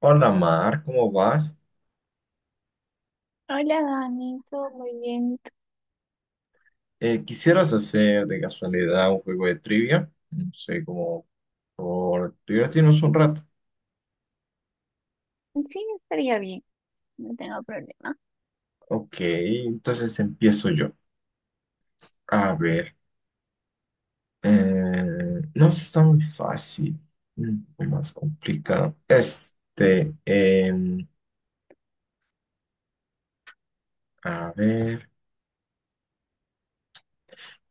Hola Mar, ¿cómo vas? Hola Dani, todo muy bien. ¿Quisieras hacer de casualidad un juego de trivia? No sé, como por divertirnos un rato. Sí, estaría bien, no tengo problema. Ok, entonces empiezo yo. A ver, no, esta está muy fácil, un poco más complicado. A ver.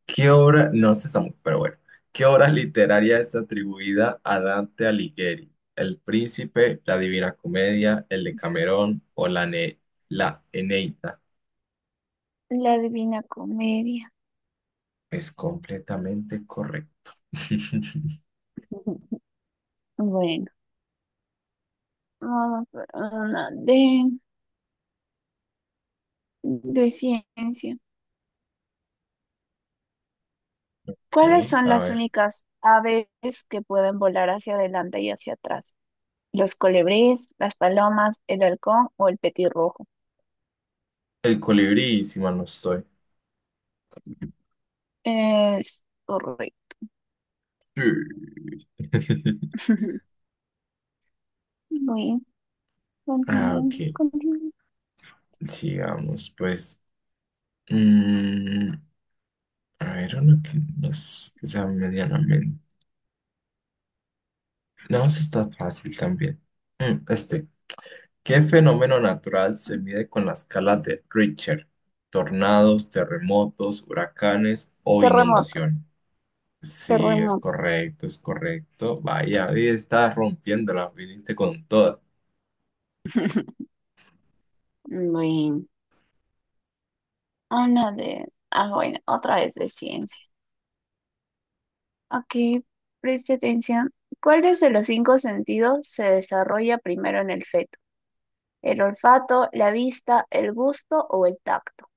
¿Qué obra, no sé, Samu, pero bueno, qué obra literaria está atribuida a Dante Alighieri? ¿El Príncipe, la Divina Comedia, el Decamerón o la, la Eneida? La Divina Comedia. Es completamente correcto. Bueno, vamos por una de ciencia. Ok, ¿Cuáles son a las ver. únicas aves que pueden volar hacia adelante y hacia atrás? ¿Los colibríes, las palomas, el halcón o el petirrojo? El colibrí, si mal no estoy. Es correcto. Sí. Muy bien, Ah, continuemos, ok. continuemos. Sigamos, pues. Mm, a ver, uno que nos sea medianamente. No, eso está fácil también. Mm, Este, ¿qué fenómeno natural se mide con la escala de Richter? ¿Tornados, terremotos, huracanes o Terremotos, inundación? Sí, es terremotos. correcto, es correcto. Vaya, hoy está rompiéndola, viniste con toda. Bueno. Habla de... Ah, bueno, otra vez de ciencia. Ok, preste atención. ¿Cuáles de los cinco sentidos se desarrolla primero en el feto? ¿El olfato, la vista, el gusto o el tacto?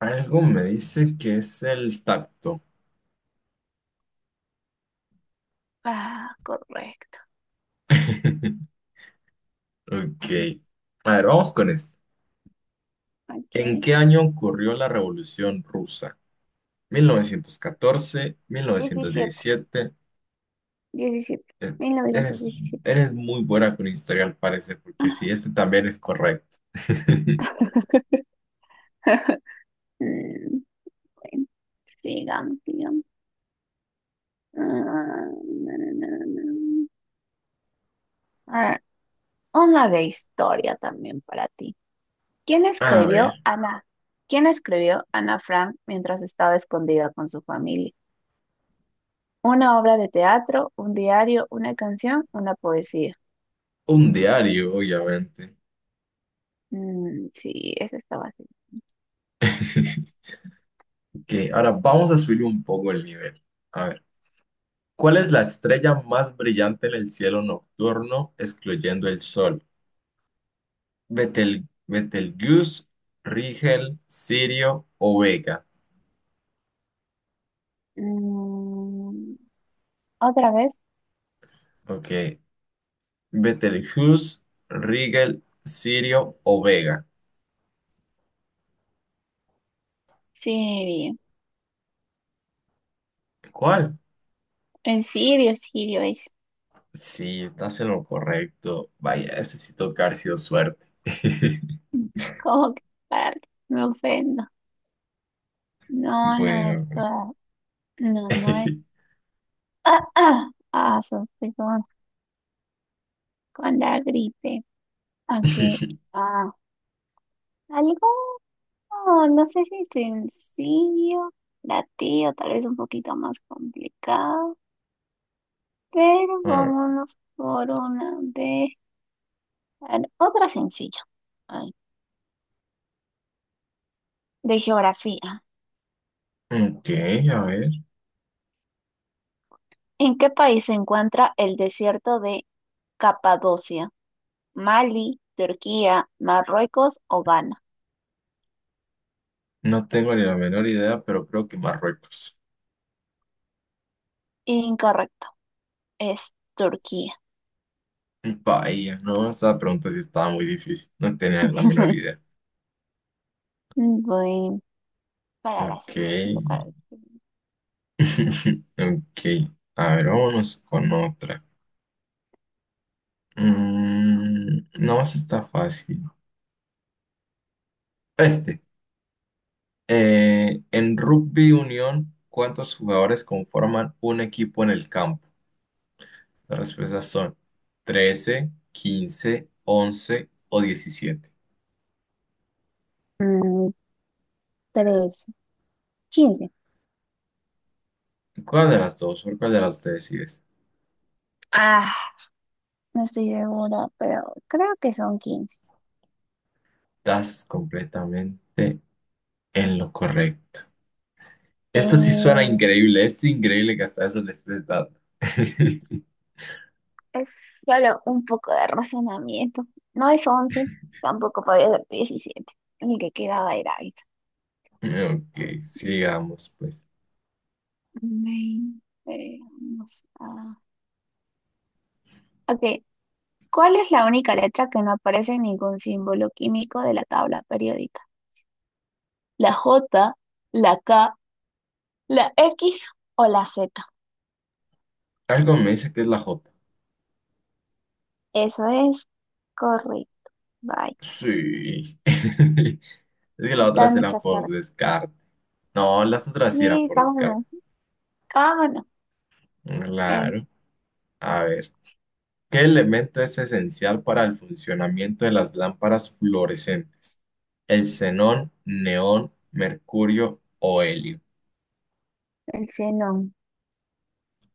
Algo me dice que es el tacto. Ah, correcto. Ok. A ver, vamos con esto. ¿En Ok. qué año ocurrió la Revolución Rusa? Mil novecientos catorce, mil novecientos 17, diecisiete. 17, Eh, Eres, 1917. eres muy buena con historia al parecer, porque sí, este también es correcto. Mm, bueno, sigamos, sigamos. Ah, na, na, na, na, na. A ver, una de historia también para ti. ¿Quién A ver, escribió Ana? ¿Quién escribió Ana Frank mientras estaba escondida con su familia? ¿Una obra de teatro, un diario, una canción, una poesía? un diario, obviamente. Mm, sí, esa estaba así. Ok, ahora vamos a subir un poco el nivel. A ver, ¿cuál es la estrella más brillante en el cielo nocturno, excluyendo el sol? Betelgeuse, Rigel, Sirio o Vega. Mm, ¿otra vez? Ok, Betelgeuse, Rigel, Sirio o Vega. Sirio. ¿Cuál? En Sirio, Sirio es. Sí, estás en lo correcto. Vaya, ese sí toca haber sido suerte. Mm, ¿cómo que padre? Me ofendo. No, no Bueno, es. pues. No, no es. So estoy con la gripe. Ok. Ah, algo. No, no sé si sencillo para ti o tal vez un poquito más complicado, pero Ah, vámonos por una de... A ver, otra sencilla, ay, de geografía. ok, a ver. ¿En qué país se encuentra el desierto de Capadocia? ¿Mali, Turquía, Marruecos o Ghana? No tengo ni la menor idea, pero creo que Marruecos. Incorrecto, es Turquía. Vaya, no, esa pregunta sí estaba muy difícil. No tenía la menor idea. Voy para la Ok. siguiente, para... Ok. A ver, vámonos con otra. No, esta está fácil. Este. En rugby unión, ¿cuántos jugadores conforman un equipo en el campo? Las respuestas son 13, 15, 11 o 17. Mm, tres, 15. ¿Cuál de las dos? ¿Por cuál de las dos te decides? Ah. No estoy segura, pero creo que son 15. Estás completamente en lo correcto. Esto sí suena Eh, increíble. Es increíble que hasta eso le estés dando. es solo un poco de razonamiento. No es 11, tampoco podía ser 17. El que quedaba era eso. Ok, sigamos pues. 20. Ok, ¿cuál es la única letra que no aparece en ningún símbolo químico de la tabla periódica? ¿La J, la K, la X o la Z? Algo me dice que es la J. Eso es correcto. Bye. Sí. Es que la Está otra de será mucha por suerte. descarte. No, las otras sí eran Sí, por descarte. vámonos. Vámonos. Eh, Claro. A ver, ¿qué elemento es esencial para el funcionamiento de las lámparas fluorescentes? ¿El xenón, neón, mercurio o helio? El xenón.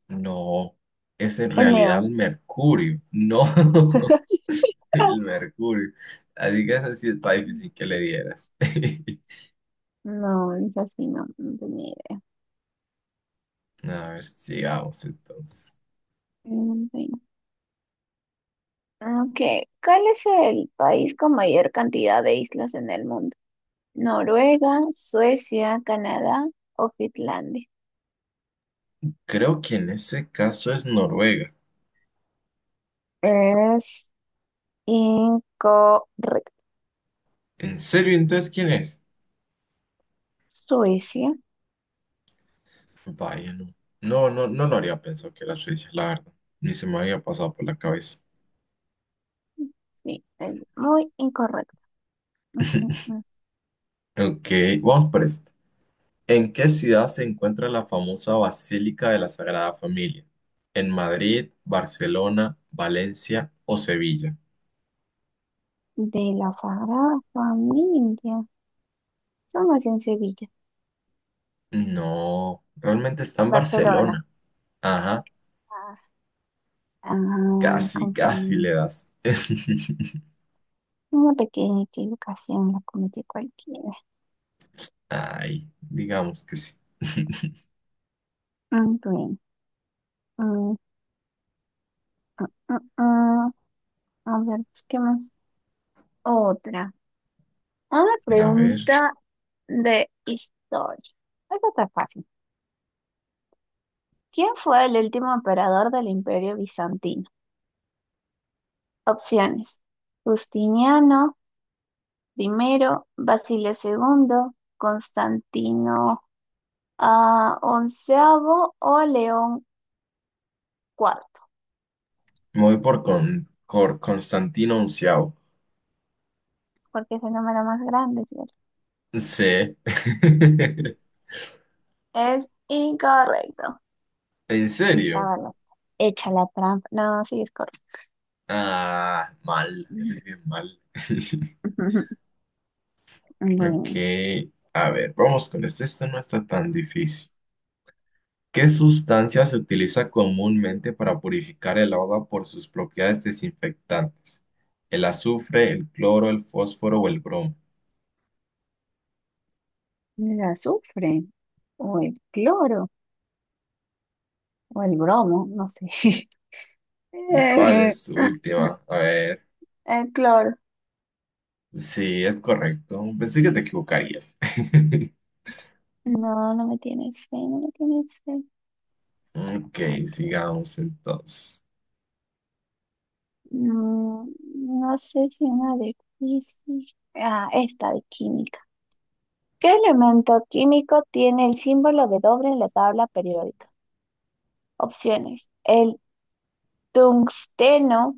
No, es en El realidad el neón. mercurio. No, el mercurio. Así que esa sí está difícil que le dieras. No, es así, no, no tenía idea. A ver, sigamos entonces. Mm, bueno. Ok, ¿cuál es el país con mayor cantidad de islas en el mundo? ¿Noruega, Suecia, Canadá o Finlandia? Creo que en ese caso es Noruega. Es incorrecto. ¿En serio entonces quién es? Suecia. Vaya, no. No, no, no lo habría pensado que era Suiza, la verdad. Ni se me había pasado por la cabeza. Sí, es muy incorrecto. Mm, mm, mm. Ok, vamos por esto. ¿En qué ciudad se encuentra la famosa Basílica de la Sagrada Familia? ¿En Madrid, Barcelona, Valencia o Sevilla? De la Sagrada Familia. Somos en Sevilla. No, realmente está en Barcelona. Barcelona. Ajá, Ah, me casi, casi confundí. le das. Una pequeña equivocación la cometí cualquiera. Ay, digamos que sí. Mm, bien. Mm, ah, ah, ah. A ver, busquemos otra. Una A ver, pregunta de historia. Esta está fácil. ¿Quién fue el último emperador del Imperio Bizantino? Opciones. Justiniano primero, Basilio segundo, Constantino onceavo o León cuarto, me voy por Constantino XI. porque es el número más grande, ¿cierto? Sí. Es incorrecto. ¿En serio? Estaba bueno. Echa la trampa. No, sí es correcto. Ah, mal. Eres bien mal. Bueno, Ok. A ver, vamos con este. Este no está tan difícil. ¿Qué sustancia se utiliza comúnmente para purificar el agua por sus propiedades desinfectantes? ¿El azufre, el cloro, el fósforo o el bromo? el azufre o el cloro o el bromo, no sé. ¿Cuál Eh, es su última? A ver. El cloro. Sí, es correcto. Pensé que te equivocarías. No, no me tienes fe, no me tienes fe. Ok, Ok. sigamos entonces. Mm, no sé si una de física. Esta de química. ¿Qué elemento químico tiene el símbolo de doble en la tabla periódica? Opciones. El tungsteno,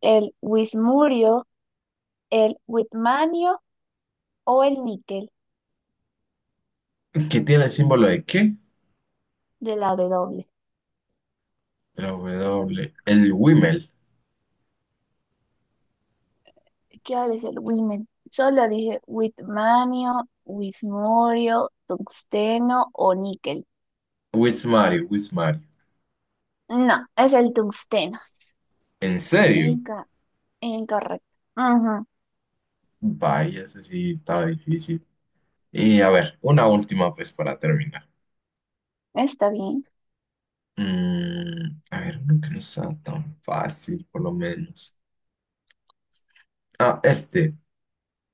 el Wismurio, el Whitmanio o el níquel ¿Qué tiene el símbolo de qué? de la W. La W. El Wimel. ¿Qué ahora es el Wimen? Solo dije Whitmanio, Wismurio, tungsteno o níquel. Wismario, Wismario. No, es el tungsteno. ¿En serio? Inca- Incorrecto. Ujú. Vaya, ese sí estaba difícil. Y a ver, una última pues para terminar. Está bien. A ver, uno que no sea tan fácil, por lo menos. Ah,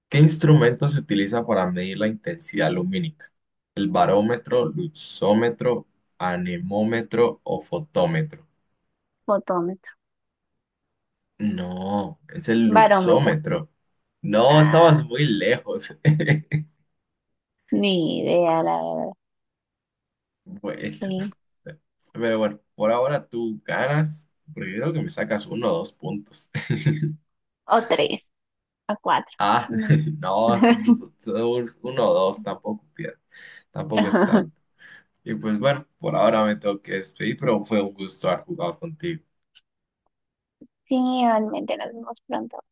¿Qué instrumento se utiliza para medir la intensidad lumínica? ¿El barómetro, luxómetro, anemómetro o fotómetro? Fotómetro. No, es el Barómetro. luxómetro. No, Ah, estabas muy lejos. ni idea, la verdad. Bueno, Sí. pero bueno, por ahora tú ganas, porque creo que me sacas uno o dos puntos. O tres, o cuatro. Ah, No. no, son dos, son uno o dos, tampoco, tampoco es tanto. Y pues bueno, por ahora me tengo que despedir, pero fue un gusto haber jugado contigo. Sí, realmente nos vemos pronto.